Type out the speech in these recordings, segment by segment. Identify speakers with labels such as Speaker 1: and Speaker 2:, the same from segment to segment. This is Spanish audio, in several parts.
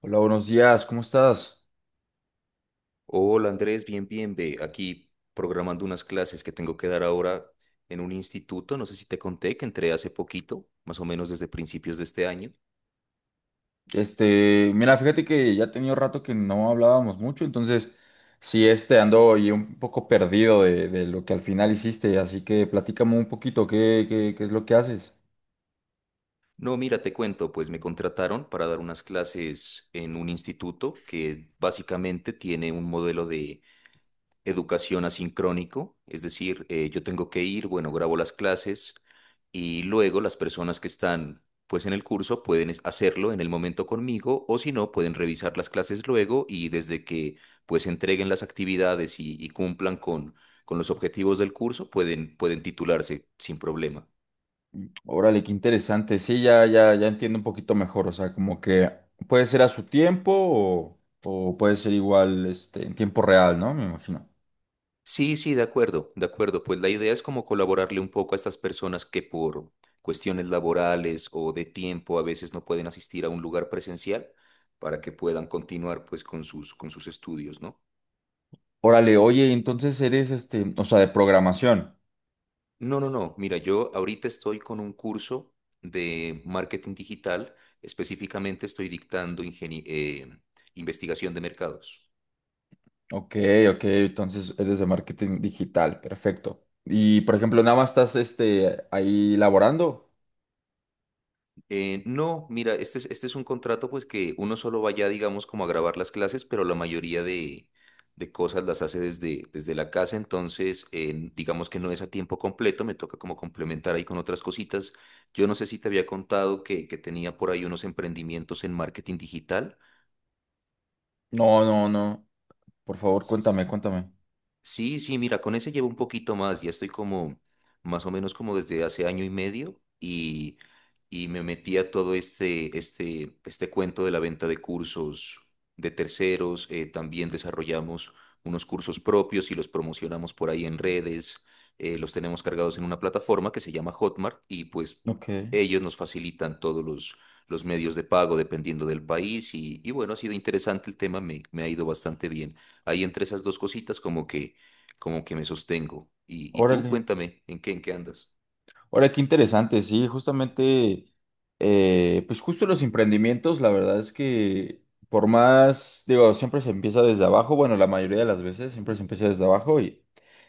Speaker 1: Hola, buenos días, ¿cómo estás?
Speaker 2: Hola Andrés, bien, bien, ve. Aquí programando unas clases que tengo que dar ahora en un instituto. No sé si te conté que entré hace poquito, más o menos desde principios de este año.
Speaker 1: Mira, fíjate que ya tenía rato que no hablábamos mucho, entonces sí, ando y un poco perdido de lo que al final hiciste, así que platícame un poquito qué es lo que haces.
Speaker 2: No, mira, te cuento, pues me contrataron para dar unas clases en un instituto que básicamente tiene un modelo de educación asincrónico, es decir, yo tengo que ir, bueno, grabo las clases y luego las personas que están pues en el curso pueden hacerlo en el momento conmigo o si no, pueden revisar las clases luego y desde que pues entreguen las actividades y cumplan con los objetivos del curso, pueden, pueden titularse sin problema.
Speaker 1: Órale, qué interesante, sí, ya, ya, ya entiendo un poquito mejor, o sea, como que puede ser a su tiempo o, puede ser igual, en tiempo real, ¿no? Me imagino.
Speaker 2: Sí, sí, de acuerdo, de acuerdo. Pues la idea es como colaborarle un poco a estas personas que por cuestiones laborales o de tiempo a veces no pueden asistir a un lugar presencial para que puedan continuar pues con sus estudios, ¿no?
Speaker 1: Órale, oye, entonces eres, o sea, de programación.
Speaker 2: No, no, no. Mira, yo ahorita estoy con un curso de marketing digital. Específicamente estoy dictando investigación de mercados.
Speaker 1: Ok, ok, entonces eres de marketing digital, perfecto. Y por ejemplo, nada más estás ahí laborando.
Speaker 2: No, mira, este es un contrato pues que uno solo vaya, digamos, como a grabar las clases, pero la mayoría de cosas las hace desde, desde la casa, entonces digamos que no es a tiempo completo, me toca como complementar ahí con otras cositas. Yo no sé si te había contado que tenía por ahí unos emprendimientos en marketing digital.
Speaker 1: No, no, no. Por favor, cuéntame, cuéntame.
Speaker 2: Sí, sí, mira, con ese llevo un poquito más, ya estoy como más o menos como desde hace año y medio y me metí a todo este cuento de la venta de cursos de terceros, también desarrollamos unos cursos propios y los promocionamos por ahí en redes, los tenemos cargados en una plataforma que se llama Hotmart y pues
Speaker 1: Ok,
Speaker 2: ellos nos facilitan todos los medios de pago dependiendo del país y bueno, ha sido interesante el tema, me ha ido bastante bien. Ahí entre esas dos cositas como que me sostengo. Y tú,
Speaker 1: órale.
Speaker 2: cuéntame, en qué andas?
Speaker 1: Ahora, qué interesante, sí, justamente, pues justo los emprendimientos, la verdad es que por más, digo, siempre se empieza desde abajo, bueno, la mayoría de las veces siempre se empieza desde abajo y,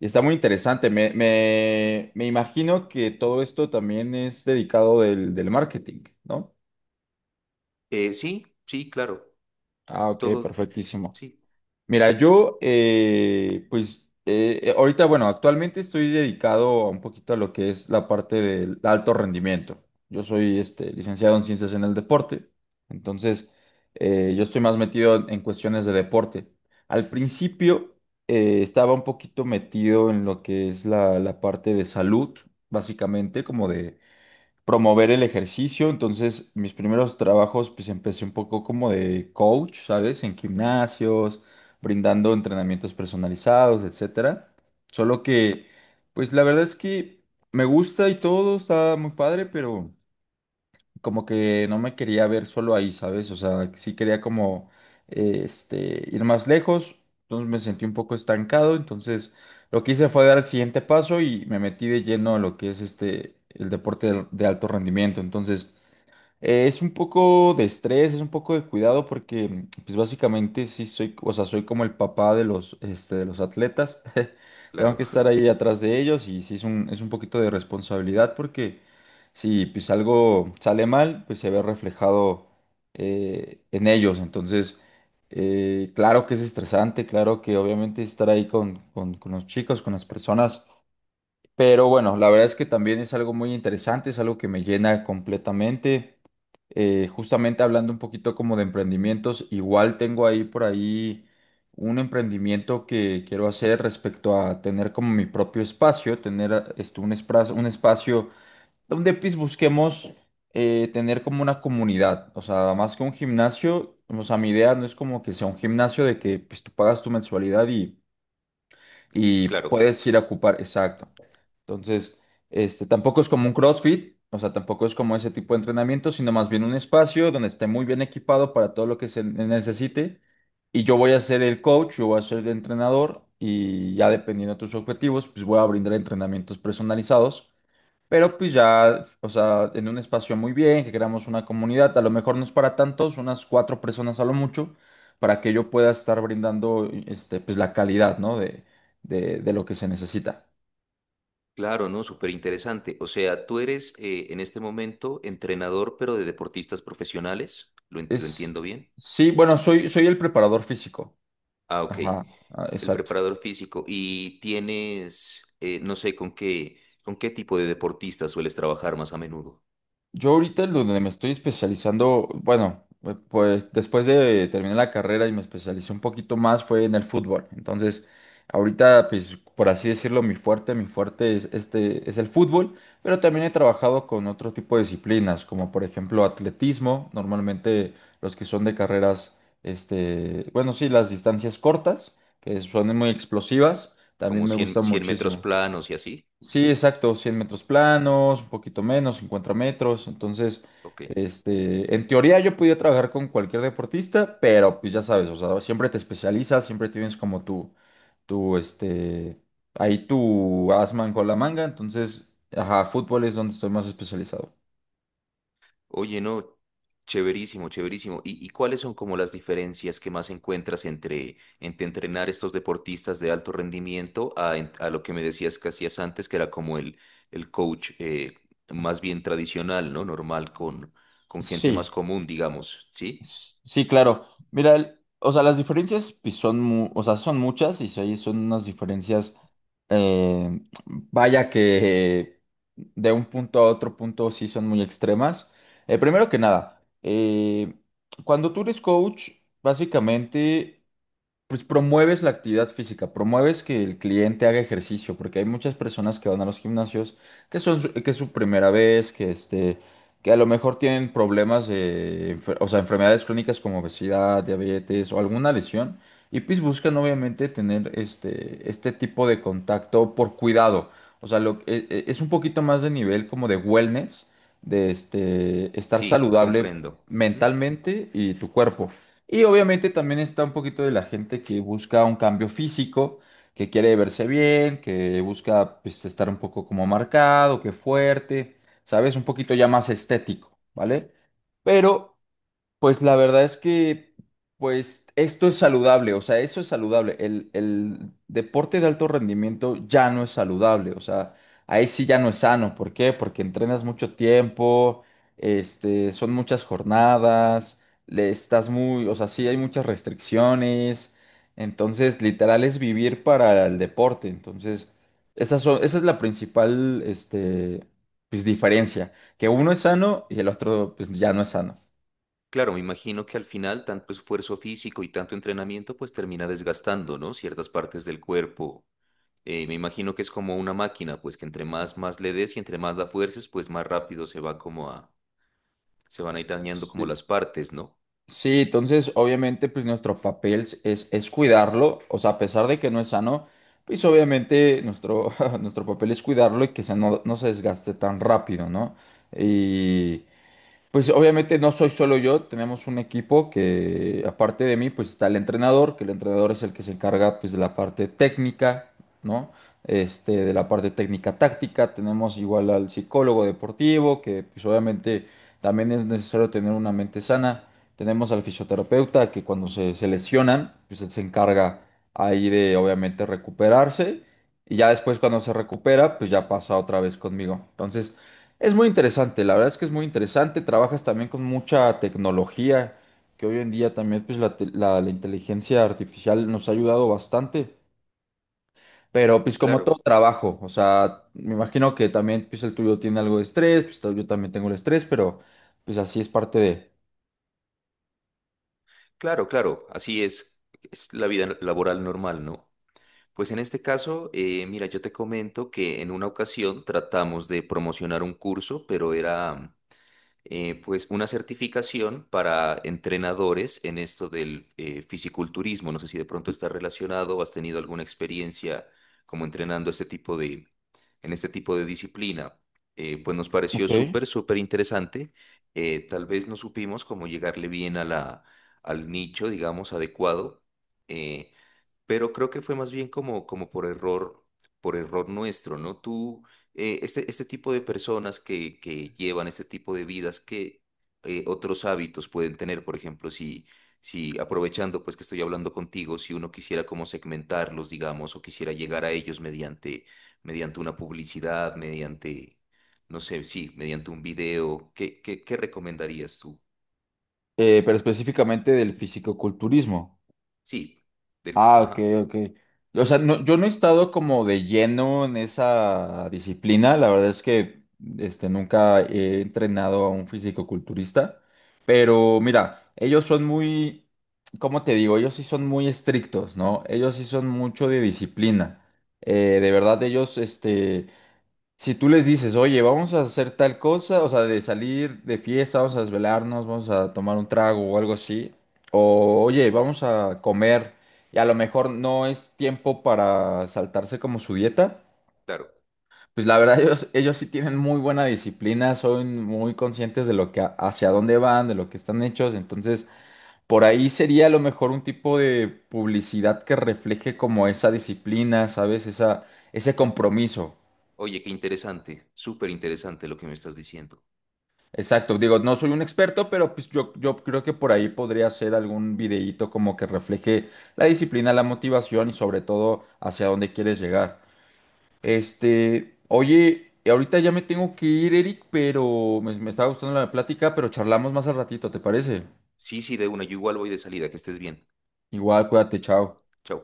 Speaker 1: está muy interesante. Me imagino que todo esto también es dedicado del marketing, ¿no?
Speaker 2: Sí, sí, claro,
Speaker 1: Ah, ok,
Speaker 2: todo,
Speaker 1: perfectísimo.
Speaker 2: sí,
Speaker 1: Mira, yo, pues, ahorita, bueno, actualmente estoy dedicado a un poquito a lo que es la parte del alto rendimiento. Yo soy, licenciado en ciencias en el deporte, entonces, yo estoy más metido en cuestiones de deporte. Al principio, estaba un poquito metido en lo que es la parte de salud, básicamente, como de promover el ejercicio. Entonces, mis primeros trabajos, pues empecé un poco como de coach, ¿sabes? En gimnasios, brindando entrenamientos personalizados, etcétera. Solo que, pues la verdad es que me gusta y todo, está muy padre, pero como que no me quería ver solo ahí, ¿sabes? O sea, sí quería como ir más lejos, entonces me sentí un poco estancado, entonces lo que hice fue dar el siguiente paso y me metí de lleno a lo que es el deporte de alto rendimiento. Entonces, es un poco de estrés, es un poco de cuidado porque, pues básicamente sí soy, o sea, soy como el papá de los, de los atletas. Tengo
Speaker 2: claro,
Speaker 1: que estar ahí atrás de ellos y sí es un, poquito de responsabilidad porque si pues algo sale mal, pues se ve reflejado en ellos. Entonces, claro que es estresante, claro que obviamente estar ahí con, con los chicos, con las personas, pero bueno, la verdad es que también es algo muy interesante, es algo que me llena completamente. Justamente hablando un poquito como de emprendimientos, igual tengo ahí por ahí un emprendimiento que quiero hacer respecto a tener como mi propio espacio, tener un espacio donde pues busquemos tener como una comunidad, o sea, más que un gimnasio, o sea, mi idea no es como que sea un gimnasio de que pues tú pagas tu mensualidad y,
Speaker 2: y claro,
Speaker 1: puedes ir a ocupar, exacto. Entonces, tampoco es como un CrossFit, o sea, tampoco es como ese tipo de entrenamiento, sino más bien un espacio donde esté muy bien equipado para todo lo que se necesite. Y yo voy a ser el coach, yo voy a ser el entrenador y ya dependiendo de tus objetivos, pues voy a brindar entrenamientos personalizados, pero pues ya, o sea, en un espacio muy bien, que creamos una comunidad, a lo mejor no es para tantos, unas cuatro personas a lo mucho, para que yo pueda estar brindando, pues la calidad, ¿no? De lo que se necesita.
Speaker 2: claro, ¿no? Súper interesante. O sea, tú eres en este momento entrenador, pero de deportistas profesionales, ¿lo
Speaker 1: Es,
Speaker 2: entiendo bien?
Speaker 1: sí, bueno, soy el preparador físico.
Speaker 2: Ah, ok,
Speaker 1: Ajá, ah,
Speaker 2: el
Speaker 1: exacto.
Speaker 2: preparador físico. ¿Y tienes, no sé, con qué tipo de deportistas sueles trabajar más a menudo?
Speaker 1: Yo ahorita en donde me estoy especializando, bueno, pues después de terminar la carrera y me especialicé un poquito más fue en el fútbol. Entonces, ahorita, pues, por así decirlo, mi fuerte es el fútbol, pero también he trabajado con otro tipo de disciplinas, como por ejemplo atletismo, normalmente los que son de carreras, bueno, sí, las distancias cortas, que son muy explosivas, también
Speaker 2: ¿Como
Speaker 1: me gustan
Speaker 2: 100 metros
Speaker 1: muchísimo.
Speaker 2: planos y así?
Speaker 1: Sí, exacto, 100 metros planos, un poquito menos, 50 metros. Entonces,
Speaker 2: Ok.
Speaker 1: en teoría yo podía trabajar con cualquier deportista, pero pues ya sabes, o sea, siempre te especializas, siempre tienes como tu ahí tu asman con la manga. Entonces, ajá, fútbol es donde estoy más especializado.
Speaker 2: Oye, no, chéverísimo, chéverísimo. Y cuáles son como las diferencias que más encuentras entre, entre entrenar estos deportistas de alto rendimiento a lo que me decías que hacías antes, que era como el coach más bien tradicional, ¿no? Normal, con gente más
Speaker 1: Sí.
Speaker 2: común, digamos, ¿sí?
Speaker 1: Sí, claro. Mira, o sea, las diferencias pues, o sea, son muchas y sí, son unas diferencias, eh, vaya que de un punto a otro punto sí son muy extremas. Primero que nada, cuando tú eres coach, básicamente pues promueves la actividad física, promueves que el cliente haga ejercicio, porque hay muchas personas que van a los gimnasios que es su primera vez, que que a lo mejor tienen problemas de, o sea, enfermedades crónicas como obesidad, diabetes o alguna lesión, y pues buscan obviamente tener este tipo de contacto por cuidado. O sea, es un poquito más de nivel como de wellness, de estar
Speaker 2: Sí,
Speaker 1: saludable
Speaker 2: comprendo. Ujú.
Speaker 1: mentalmente y tu cuerpo. Y obviamente también está un poquito de la gente que busca un cambio físico, que quiere verse bien, que busca pues, estar un poco como marcado, que fuerte, ¿sabes? Un poquito ya más estético, ¿vale? Pero pues la verdad es que, pues esto es saludable, o sea, eso es saludable. El deporte de alto rendimiento ya no es saludable, o sea, ahí sí ya no es sano. ¿Por qué? Porque entrenas mucho tiempo, son muchas jornadas, le estás muy, o sea, sí hay muchas restricciones. Entonces, literal es vivir para el deporte. Entonces, esa es la principal, pues diferencia, que uno es sano y el otro, pues ya no es sano.
Speaker 2: Claro, me imagino que al final tanto esfuerzo físico y tanto entrenamiento pues termina desgastando, ¿no? Ciertas partes del cuerpo. Me imagino que es como una máquina, pues que entre más, más le des y entre más la fuerces, pues más rápido se van a ir dañando como
Speaker 1: Sí.
Speaker 2: las partes, ¿no?
Speaker 1: Sí, entonces obviamente pues nuestro papel es cuidarlo, o sea, a pesar de que no es sano, pues obviamente nuestro, nuestro papel es cuidarlo y que se no, no se desgaste tan rápido, ¿no? Y, pues obviamente no soy solo yo, tenemos un equipo que aparte de mí pues está el entrenador, que el entrenador es el que se encarga pues de la parte técnica, ¿no? De la parte técnica táctica, tenemos igual al psicólogo deportivo, que pues obviamente también es necesario tener una mente sana, tenemos al fisioterapeuta que cuando se lesionan pues él se encarga ahí de obviamente recuperarse y ya después cuando se recupera pues ya pasa otra vez conmigo. Entonces... Es muy interesante, la verdad es que es muy interesante. Trabajas también con mucha tecnología, que hoy en día también pues, la inteligencia artificial nos ha ayudado bastante. Pero pues como todo
Speaker 2: Claro,
Speaker 1: trabajo, o sea, me imagino que también pues el tuyo tiene algo de estrés, pues yo también tengo el estrés, pero pues así es parte de...
Speaker 2: claro, claro, así es la vida laboral normal, ¿no? Pues en este caso, mira, yo te comento que en una ocasión tratamos de promocionar un curso, pero era pues una certificación para entrenadores en esto del fisiculturismo. No sé si de pronto está relacionado o has tenido alguna experiencia como entrenando en este tipo de disciplina. Pues nos pareció
Speaker 1: Ok.
Speaker 2: súper, súper interesante. Tal vez no supimos cómo llegarle bien a la, al nicho, digamos, adecuado. Eh, pero creo que fue más bien como, como por error nuestro, ¿no? Tú, este tipo de personas que llevan este tipo de vidas, ¿qué otros hábitos pueden tener? Por ejemplo, si, si aprovechando pues que estoy hablando contigo, si uno quisiera como segmentarlos, digamos, o quisiera llegar a ellos mediante, mediante una publicidad, mediante, no sé, sí, mediante un video, ¿qué, qué, qué recomendarías tú?
Speaker 1: Pero específicamente del fisicoculturismo.
Speaker 2: Sí, del-
Speaker 1: Ah, ok,
Speaker 2: ajá,
Speaker 1: ok. O sea, no, yo no he estado como de lleno en esa disciplina. La verdad es que nunca he entrenado a un fisicoculturista. Pero mira, ellos son muy, ¿cómo te digo? Ellos sí son muy estrictos, ¿no? Ellos sí son mucho de disciplina. De verdad, ellos, si tú les dices, oye, vamos a hacer tal cosa, o sea, de salir de fiesta, vamos a desvelarnos, vamos a tomar un trago o algo así, o oye, vamos a comer, y a lo mejor no es tiempo para saltarse como su dieta,
Speaker 2: claro.
Speaker 1: pues la verdad ellos sí tienen muy buena disciplina, son muy conscientes de lo que, hacia dónde van, de lo que están hechos, entonces por ahí sería a lo mejor un tipo de publicidad que refleje como esa disciplina, ¿sabes? Esa, ese compromiso.
Speaker 2: Oye, qué interesante, súper interesante lo que me estás diciendo.
Speaker 1: Exacto, digo, no soy un experto, pero pues yo creo que por ahí podría hacer algún videíto como que refleje la disciplina, la motivación y sobre todo hacia dónde quieres llegar. Oye, ahorita ya me tengo que ir, Eric, pero me estaba gustando la plática, pero charlamos más al ratito, ¿te parece?
Speaker 2: Sí, sí, de una, yo igual voy de salida, que estés bien.
Speaker 1: Igual, cuídate, chao.
Speaker 2: Chao.